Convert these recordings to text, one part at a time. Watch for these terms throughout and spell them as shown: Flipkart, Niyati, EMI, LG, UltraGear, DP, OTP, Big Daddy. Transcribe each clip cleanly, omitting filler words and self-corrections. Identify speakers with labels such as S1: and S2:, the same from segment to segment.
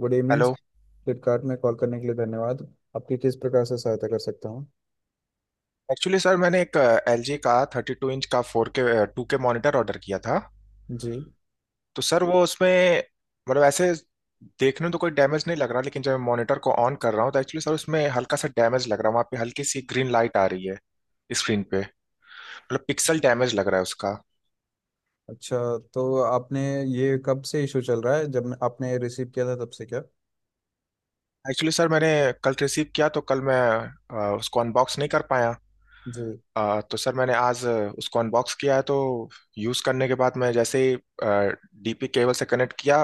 S1: Good evening,
S2: hello.
S1: Flipkart में call करने के लिए धन्यवाद। आपकी किस प्रकार से सहायता कर सकता हूँ?
S2: एक्चुअली सर मैंने एक एल जी का 32 इंच का four K two K monitor order किया था।
S1: जी।
S2: तो सर वो उसमें मतलब ऐसे देखने में तो कोई डैमेज नहीं लग रहा, लेकिन जब मैं मॉनिटर को ऑन कर रहा हूँ तो एक्चुअली सर उसमें हल्का सा डैमेज लग रहा है, वहाँ पे हल्की सी ग्रीन लाइट आ रही है स्क्रीन पे। मतलब पिक्सल डैमेज लग रहा है उसका।
S1: अच्छा। तो आपने, ये कब से इशू चल रहा है, जब मैं- आपने रिसीव किया था तब से क्या?
S2: एक्चुअली सर मैंने कल रिसीव किया, तो कल मैं उसको अनबॉक्स नहीं कर पाया।
S1: जी।
S2: तो सर मैंने आज उसको अनबॉक्स किया है, तो यूज़ करने के बाद मैं जैसे ही डीपी केबल से कनेक्ट किया,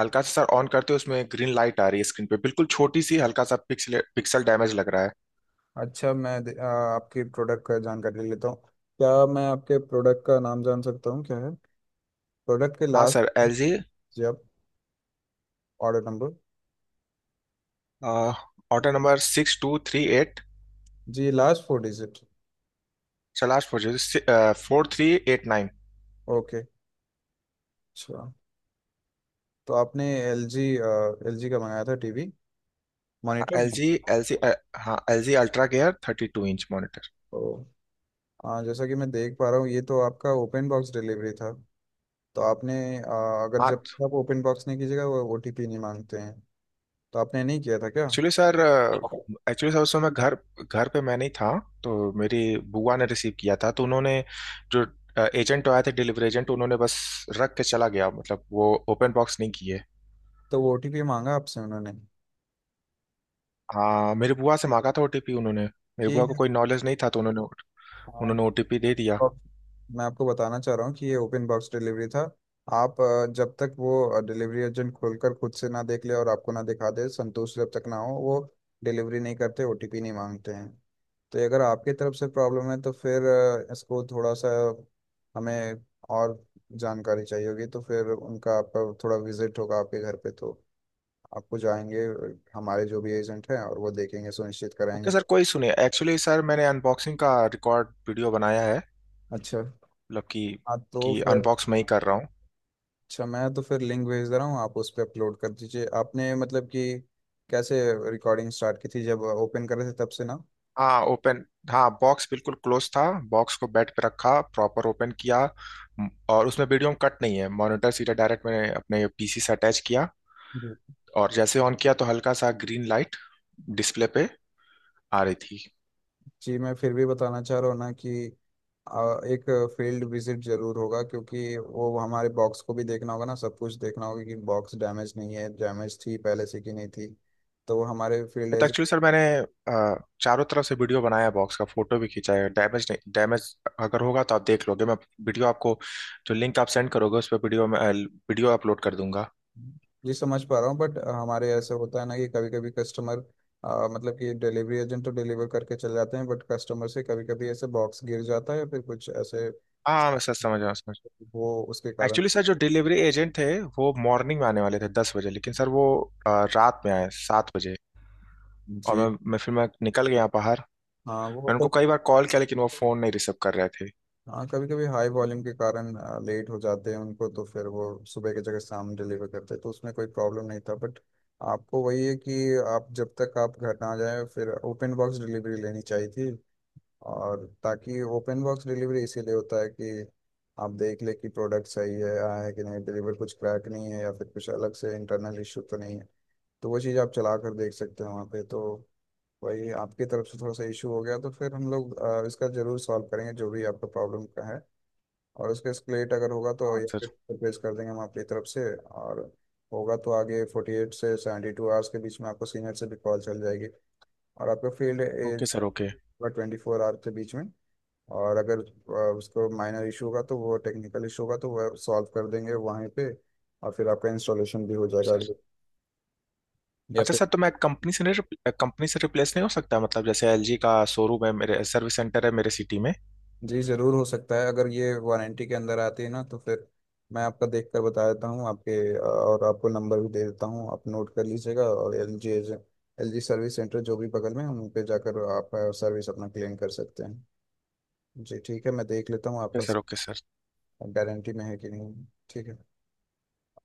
S2: हल्का सा सर ऑन करते ही उसमें ग्रीन लाइट आ रही है स्क्रीन पे, बिल्कुल छोटी सी, हल्का सा पिक्सल पिक्सल डैमेज लग रहा है।
S1: अच्छा, आपके प्रोडक्ट का जानकारी लेता हूँ। क्या मैं आपके प्रोडक्ट का नाम जान सकता हूँ, क्या है प्रोडक्ट के
S2: हाँ
S1: लास्ट?
S2: Sir, L G.
S1: जी। आप ऑर्डर नंबर?
S2: Order number 6238।
S1: जी, last four digit.
S2: Last four, 4389।
S1: Okay. अच्छा, तो आपने एल जी का मंगाया था, टीवी? मॉनिटर?
S2: एल जी, हाँ L G ultra gear 32 inch monitor.
S1: ओ, जैसा कि मैं देख पा रहा हूँ ये तो आपका ओपन बॉक्स डिलीवरी था। तो आपने, अगर
S2: हाँ।
S1: जब आप ओपन बॉक्स नहीं कीजिएगा वो ओटीपी नहीं मांगते हैं। तो आपने नहीं किया था क्या?
S2: एक्चुअली सर एक्चुअली सर उस समय घर घर पे मैं नहीं था, तो मेरी बुआ ने रिसीव किया था। तो उन्होंने, जो एजेंट आए थे डिलीवरी एजेंट, उन्होंने बस रख के चला गया, मतलब वो ओपन बॉक्स नहीं किए।
S1: तो वो ओटीपी मांगा आपसे उन्होंने?
S2: हाँ मेरी बुआ से मांगा था ओटीपी उन्होंने। मेरी
S1: ये
S2: बुआ को कोई नॉलेज नहीं था तो उन्होंने
S1: आ,
S2: उन्होंने ओटीपी दे दिया।
S1: और मैं आपको बताना चाह रहा हूँ कि ये ओपन बॉक्स डिलीवरी था। आप, जब तक वो डिलीवरी एजेंट खोलकर खुद से ना देख ले और आपको ना दिखा दे, संतोष जब तक ना हो, वो डिलीवरी नहीं करते, ओटीपी नहीं मांगते हैं। तो ये अगर आपकी तरफ से प्रॉब्लम है तो फिर, इसको थोड़ा सा हमें और जानकारी चाहिए होगी, तो फिर उनका आपका थोड़ा विजिट होगा आपके घर पे, तो आपको जाएंगे हमारे जो भी एजेंट हैं और वो देखेंगे, सुनिश्चित कराएंगे
S2: ओके सर,
S1: सब।
S2: कोई सुने एक्चुअली सर, मैंने अनबॉक्सिंग का रिकॉर्ड वीडियो बनाया है।
S1: अच्छा।
S2: मतलब कि
S1: हाँ, तो
S2: कि
S1: फिर
S2: अनबॉक्स मैं ही कर रहा हूँ।
S1: अच्छा, मैं तो फिर लिंक भेज दे रहा हूँ, आप उस पर अपलोड कर दीजिए। आपने, मतलब कि कैसे रिकॉर्डिंग स्टार्ट की थी, जब ओपन कर रहे थे तब से ना?
S2: हाँ ओपन हाँ, बॉक्स बिल्कुल क्लोज था। बॉक्स को बेड पे रखा, प्रॉपर ओपन किया। और उसमें वीडियो कट नहीं है, मॉनिटर सीधा डायरेक्ट मैंने अपने पीसी से अटैच किया,
S1: जी।
S2: और जैसे ऑन किया तो हल्का सा ग्रीन लाइट डिस्प्ले पे आ रही थी।
S1: जी, मैं फिर भी बताना चाह रहा हूँ ना कि, आ, एक फील्ड विजिट जरूर होगा, क्योंकि वो हमारे बॉक्स को भी देखना होगा ना, सब कुछ देखना होगा कि बॉक्स डैमेज नहीं है, डैमेज थी पहले से कि नहीं थी, तो वो हमारे फील्ड
S2: तो
S1: एज।
S2: एक्चुअली सर मैंने चारों तरफ से वीडियो बनाया, बॉक्स का फोटो भी खींचा है। डैमेज नहीं, डैमेज अगर होगा तो आप देख लोगे। मैं वीडियो आपको, जो लिंक आप सेंड करोगे उस पर वीडियो अपलोड कर दूंगा।
S1: जी, समझ पा रहा हूँ, बट हमारे ऐसे होता है ना कि कभी कभी कस्टमर, मतलब कि डिलीवरी एजेंट तो डिलीवर करके चले जाते हैं, बट कस्टमर से कभी कभी ऐसे बॉक्स गिर जाता है या फिर कुछ ऐसे,
S2: हाँ मैं सर समझ रहा हूँ, समझ
S1: वो उसके कारण।
S2: एक्चुअली सर जो डिलीवरी एजेंट थे वो मॉर्निंग में आने वाले थे 10 बजे, लेकिन सर वो अ, रात में आए 7 बजे। और
S1: जी
S2: मैं फिर मैं निकल गया बाहर।
S1: हाँ। वो,
S2: मैं उनको कई बार कॉल किया, लेकिन वो फ़ोन नहीं रिसीव कर रहे थे।
S1: हाँ, कभी कभी हाई वॉल्यूम के कारण लेट हो जाते हैं, उनको तो फिर वो सुबह की जगह शाम डिलीवर करते हैं, तो उसमें कोई प्रॉब्लम नहीं था, बट आपको वही है कि आप, जब तक आप घर ना जाए, फिर ओपन बॉक्स डिलीवरी लेनी चाहिए थी। और ताकि, ओपन बॉक्स डिलीवरी इसीलिए होता है कि आप देख ले कि प्रोडक्ट सही है आया है कि नहीं, डिलीवर, कुछ क्रैक नहीं है या फिर कुछ अलग से इंटरनल इशू तो नहीं है। तो वो चीज़ आप चला कर देख सकते हैं वहाँ पे, तो वही आपकी तरफ से थोड़ा सा इशू हो गया, तो फिर हम लोग, इसका जरूर सॉल्व करेंगे, जो भी आपका प्रॉब्लम का है। और उसका स्प्लिट अगर होगा तो,
S2: हाँ
S1: या फिर
S2: सर।
S1: पेश कर देंगे हम आपकी तरफ से, और होगा तो आगे 48 से 72 आवर्स के बीच में आपको सीनियर से भी कॉल चल जाएगी। और आपका field age
S2: okay sir, okay
S1: 24 hours के बीच में। और अगर, उसको माइनर इशू होगा तो वो टेक्निकल इशू होगा तो वह सॉल्व कर देंगे वहीं पे, और फिर आपका इंस्टॉलेशन भी हो जाएगा।
S2: सर।
S1: या
S2: अच्छा
S1: फिर,
S2: सर, तो मैं कंपनी से, नहीं कंपनी से रिप्लेस नहीं हो सकता? मतलब जैसे एलजी का शोरूम है मेरे, सर्विस सेंटर है मेरे सिटी में।
S1: जी, ज़रूर हो सकता है, अगर ये वारंटी के अंदर आती है ना, तो फिर मैं आपका देख कर बता देता हूँ आपके, और आपको नंबर भी दे देता हूँ, आप नोट कर लीजिएगा, और एल जी, सर्विस सेंटर जो भी बगल में है, उन पे जाकर आप, सर्विस अपना क्लेम कर सकते हैं। जी ठीक है, मैं देख लेता हूँ
S2: ओके
S1: आपका
S2: सर, ओके सर।
S1: गारंटी में है कि नहीं। ठीक है।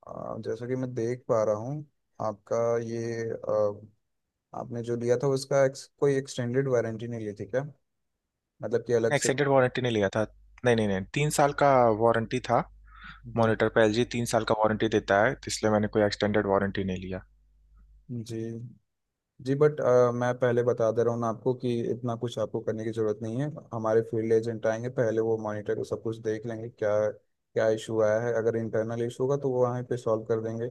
S1: जैसा कि मैं देख पा रहा हूँ आपका ये, आपने जो लिया था उसका कोई एक्सटेंडेड वारंटी नहीं ली थी क्या, मतलब कि अलग से?
S2: एक्सटेंडेड वारंटी नहीं लिया था। नहीं, नहीं, नहीं, 3 साल का वारंटी था।
S1: जी।
S2: मॉनिटर पे एलजी 3 साल का वारंटी देता है, तो इसलिए मैंने कोई एक्सटेंडेड वारंटी नहीं लिया।
S1: जी। जी बट, मैं पहले बता दे रहा हूँ ना आपको कि इतना कुछ आपको करने की ज़रूरत नहीं है। हमारे फील्ड एजेंट आएंगे पहले, वो मॉनिटर को सब कुछ देख लेंगे क्या क्या इशू आया है, अगर इंटरनल इशू होगा तो वो वहीं पे सॉल्व कर देंगे,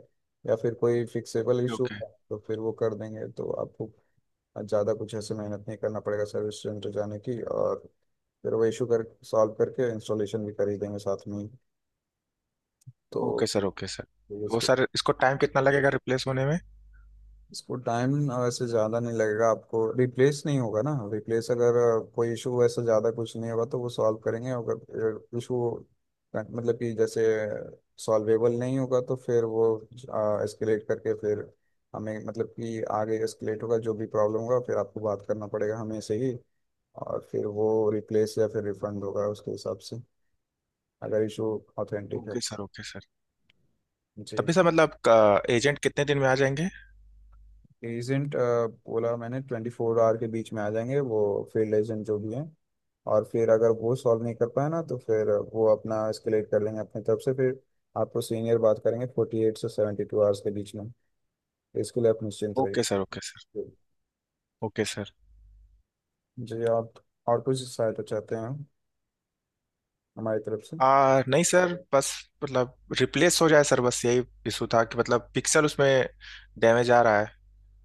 S1: या फिर कोई फिक्सेबल इशू
S2: ओके।
S1: होगा तो फिर वो कर देंगे, तो आपको ज़्यादा कुछ ऐसे मेहनत नहीं करना पड़ेगा सर्विस सेंटर जाने की, और फिर वो इशू कर, सॉल्व करके इंस्टॉलेशन भी कर ही देंगे साथ में ही। तो
S2: ओके सर, ओके सर। वो
S1: उसके,
S2: सर, इसको टाइम कितना लगेगा रिप्लेस होने में?
S1: इसको टाइम वैसे ज़्यादा नहीं लगेगा, आपको रिप्लेस नहीं होगा ना, रिप्लेस अगर, कोई इशू वैसे ज़्यादा कुछ नहीं होगा तो वो सॉल्व करेंगे, अगर इशू, मतलब कि जैसे सॉल्वेबल नहीं होगा तो फिर वो एस्केलेट करके फिर हमें, मतलब कि आगे एस्केलेट होगा, जो भी प्रॉब्लम होगा, फिर आपको बात करना पड़ेगा हमें से ही, और फिर वो रिप्लेस या फिर रिफंड होगा उसके हिसाब से, अगर इशू ऑथेंटिक है।
S2: Okay sir, okay sir. तभी
S1: जी।
S2: सर मतलब एजेंट कितने दिन में आ जाएंगे?
S1: एजेंट, बोला मैंने, 24 आवर के बीच में आ जाएंगे वो, फील्ड एजेंट जो भी हैं। और फिर अगर वो सॉल्व नहीं कर पाए ना, तो फिर वो अपना एस्केलेट कर लेंगे अपनी तरफ से, फिर आपको सीनियर बात करेंगे 48 से सेवेंटी टू आवर्स के बीच में। इसके लिए आप निश्चिंत रहिए।
S2: Okay sir, okay sir. Okay sir.
S1: जी। आप और कुछ सहायता चाहते हैं हमारी तरफ से?
S2: आ नहीं सर, बस मतलब रिप्लेस हो जाए सर, बस यही इशू था कि मतलब पिक्सल उसमें डैमेज आ रहा है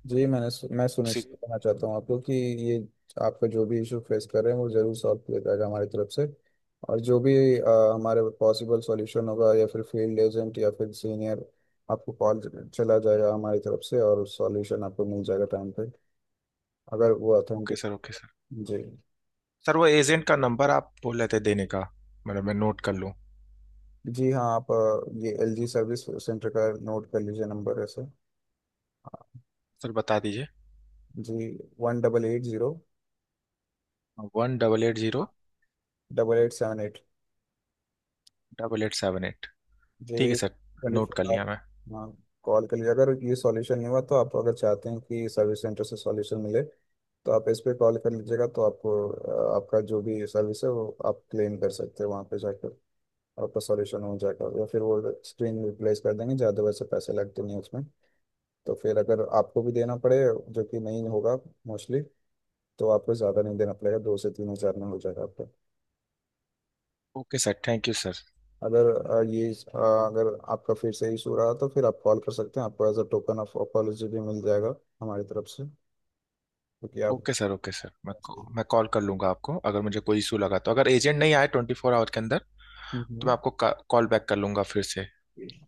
S1: जी, मैं
S2: उसी।
S1: सुनिश्चित करना चाहता हूँ आपको कि ये, आपका जो भी इशू फेस कर रहे हैं वो जरूर सॉल्व किया जाएगा हमारी तरफ से, और जो भी, हमारे पॉसिबल सॉल्यूशन होगा, या फिर फील्ड एजेंट या फिर सीनियर आपको कॉल चला जाएगा हमारी तरफ से, और सॉल्यूशन आपको मिल जाएगा टाइम पे, अगर वो
S2: okay
S1: authentic.
S2: Sir, okay sir.
S1: जी।
S2: सर वो एजेंट का नंबर आप बोल रहे थे देने का, मतलब मैं नोट कर लूँ।
S1: जी हाँ, आप, ये एल जी सर्विस सेंटर का नोट कर लीजिए नंबर ऐसे। हाँ।
S2: सर बता दीजिए।
S1: जी, one double eight zero
S2: 1880।
S1: Double eight seven eight
S2: 8878। ठीक है
S1: जी
S2: सर,
S1: ट्वेंटी।
S2: नोट कर
S1: आप,
S2: लिया मैं।
S1: हाँ, कॉल कर लीजिए अगर ये सॉल्यूशन नहीं हुआ, तो आप अगर चाहते हैं कि सर्विस सेंटर से सॉल्यूशन मिले, तो आप इस पे कॉल कर लीजिएगा, तो आपको, आपका जो भी सर्विस है वो आप क्लेम कर सकते हैं वहाँ पे जाकर, आपका सॉल्यूशन हो जाएगा, या फिर वो स्क्रीन रिप्लेस कर देंगे, ज़्यादा वैसे पैसे लगते नहीं उसमें, तो फिर अगर आपको भी देना पड़े, जो कि नहीं होगा मोस्टली, तो आपको ज़्यादा नहीं देना पड़ेगा, 2 से 3 हज़ार में हो जाएगा आपका।
S2: Okay sir, thank you sir.
S1: अगर, अगर आपका फिर से इशू रहा तो फिर आप कॉल कर सकते हैं, आपको as a token of apology भी मिल जाएगा हमारी तरफ से, क्योंकि आप।
S2: ओके सर, ओके सर, मैं कॉल कर लूंगा आपको अगर मुझे कोई इशू लगा तो, अगर एजेंट नहीं आए 24 आवर के अंदर तो मैं
S1: हम्म।
S2: आपको कॉल बैक कर लूंगा फिर से।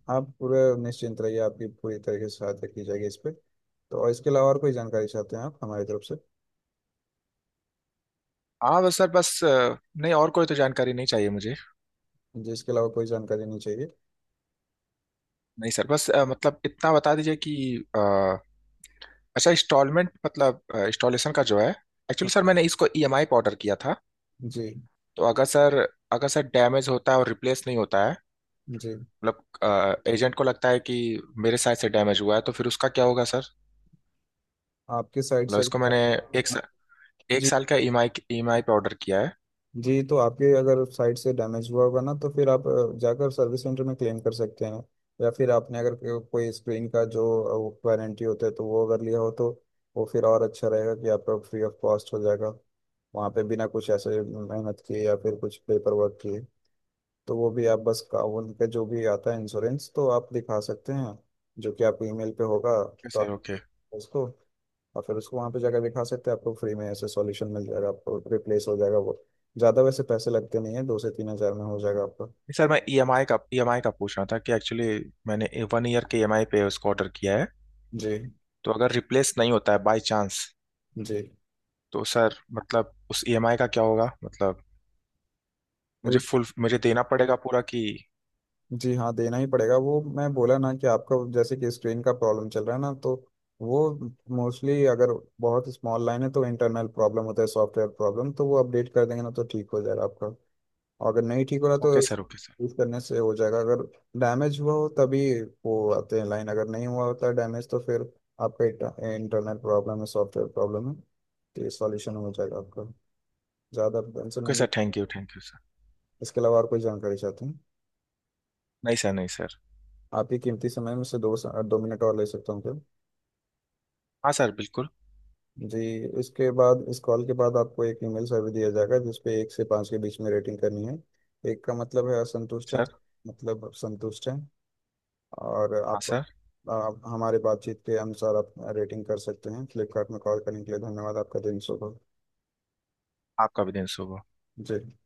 S1: आप पूरे निश्चिंत रहिए, आपकी पूरी तरीके से सहायता की जाएगी इस पे तो, और इसके अलावा और कोई जानकारी चाहते हैं आप हमारी तरफ से?
S2: हाँ बस सर, बस नहीं और कोई तो जानकारी नहीं चाहिए मुझे।
S1: जी, इसके अलावा कोई जानकारी नहीं चाहिए?
S2: नहीं सर बस मतलब इतना बता दीजिए कि अ, अच्छा इंस्टॉलमेंट मतलब इंस्टॉलेशन का जो है, एक्चुअली
S1: हाँ।
S2: सर मैंने इसको ईएमआई पे ऑर्डर किया था।
S1: जी।
S2: तो अगर सर डैमेज होता है और रिप्लेस नहीं होता है,
S1: जी,
S2: मतलब एजेंट को लगता है कि मेरे साइड से डैमेज हुआ है, तो फिर उसका क्या होगा सर?
S1: आपकी साइड
S2: मतलब
S1: से।
S2: इसको मैंने एक एक
S1: जी।
S2: साल का ईएमआई ईएमआई पे ऑर्डर किया है।
S1: जी, तो आपके अगर साइड से डैमेज हुआ होगा ना, तो फिर आप, जाकर सर्विस सेंटर में क्लेम कर सकते हैं, या फिर आपने अगर कोई स्क्रीन का जो वारंटी होता है, तो वो अगर लिया हो तो वो फिर और अच्छा रहेगा कि आपका फ्री ऑफ कॉस्ट हो जाएगा वहाँ पे, बिना कुछ ऐसे मेहनत किए या फिर कुछ पेपर वर्क किए, तो वो भी आप बस का उनका जो भी आता है इंश्योरेंस, तो आप दिखा सकते हैं, जो कि आपको ईमेल पे होगा,
S2: Yes,
S1: तो
S2: सर
S1: आप
S2: ओके।
S1: उसको, और फिर उसको वहाँ पे जाकर दिखा सकते हैं, आपको फ्री में ऐसे सॉल्यूशन मिल जाएगा, आपको रिप्लेस हो जाएगा वो, ज़्यादा वैसे पैसे लगते नहीं है, 2 से 3 हज़ार में हो जाएगा आपका।
S2: सर मैं ईएमआई का पूछ रहा था कि, एक्चुअली मैंने 1 ईयर के ईएमआई पे उसको ऑर्डर किया है।
S1: जी।
S2: तो अगर रिप्लेस नहीं होता है बाय चांस,
S1: जी।
S2: तो सर मतलब उस ईएमआई का क्या होगा, मतलब
S1: अरे,
S2: मुझे फुल, मुझे देना पड़ेगा पूरा कि?
S1: जी हाँ, देना ही पड़ेगा वो, मैं बोला ना कि आपका जैसे कि स्क्रीन का प्रॉब्लम चल रहा है ना, तो वो मोस्टली, अगर बहुत स्मॉल लाइन है तो इंटरनल प्रॉब्लम होता है, सॉफ्टवेयर प्रॉब्लम, तो वो अपडेट कर देंगे ना तो ठीक हो जाएगा आपका। और अगर नहीं ठीक हो रहा तो,
S2: okay sir, okay sir.
S1: Use करने से हो जाएगा, अगर डैमेज हुआ हो तभी वो आते हैं लाइन, अगर नहीं हुआ होता डैमेज तो फिर आपका इंटरनेट प्रॉब्लम है, सॉफ्टवेयर प्रॉब्लम है, तो ये सॉल्यूशन हो जाएगा आपका, ज़्यादा टेंशन
S2: ओके
S1: नहीं ली।
S2: Sir, thank you, thank you sir.
S1: इसके अलावा और कोई जानकारी चाहते हैं?
S2: नहीं सर, नहीं सर।
S1: आप ही कीमती समय में से दो दो मिनट और ले सकता हूँ क्या?
S2: हाँ सर बिल्कुल।
S1: जी। इसके बाद, इस कॉल के बाद आपको एक ईमेल सर्वे दिया जाएगा जिसपे 1 से 5 के बीच में रेटिंग करनी है। एक का मतलब है असंतुष्ट है,
S2: सर,
S1: मतलब संतुष्ट है, और
S2: हाँ सर।
S1: आप हमारे बातचीत के अनुसार आप रेटिंग कर सकते हैं। फ्लिपकार्ट में कॉल करने के लिए धन्यवाद, आपका दिन शुभ हो।
S2: आपका भी दिन शुभ हो।
S1: जी।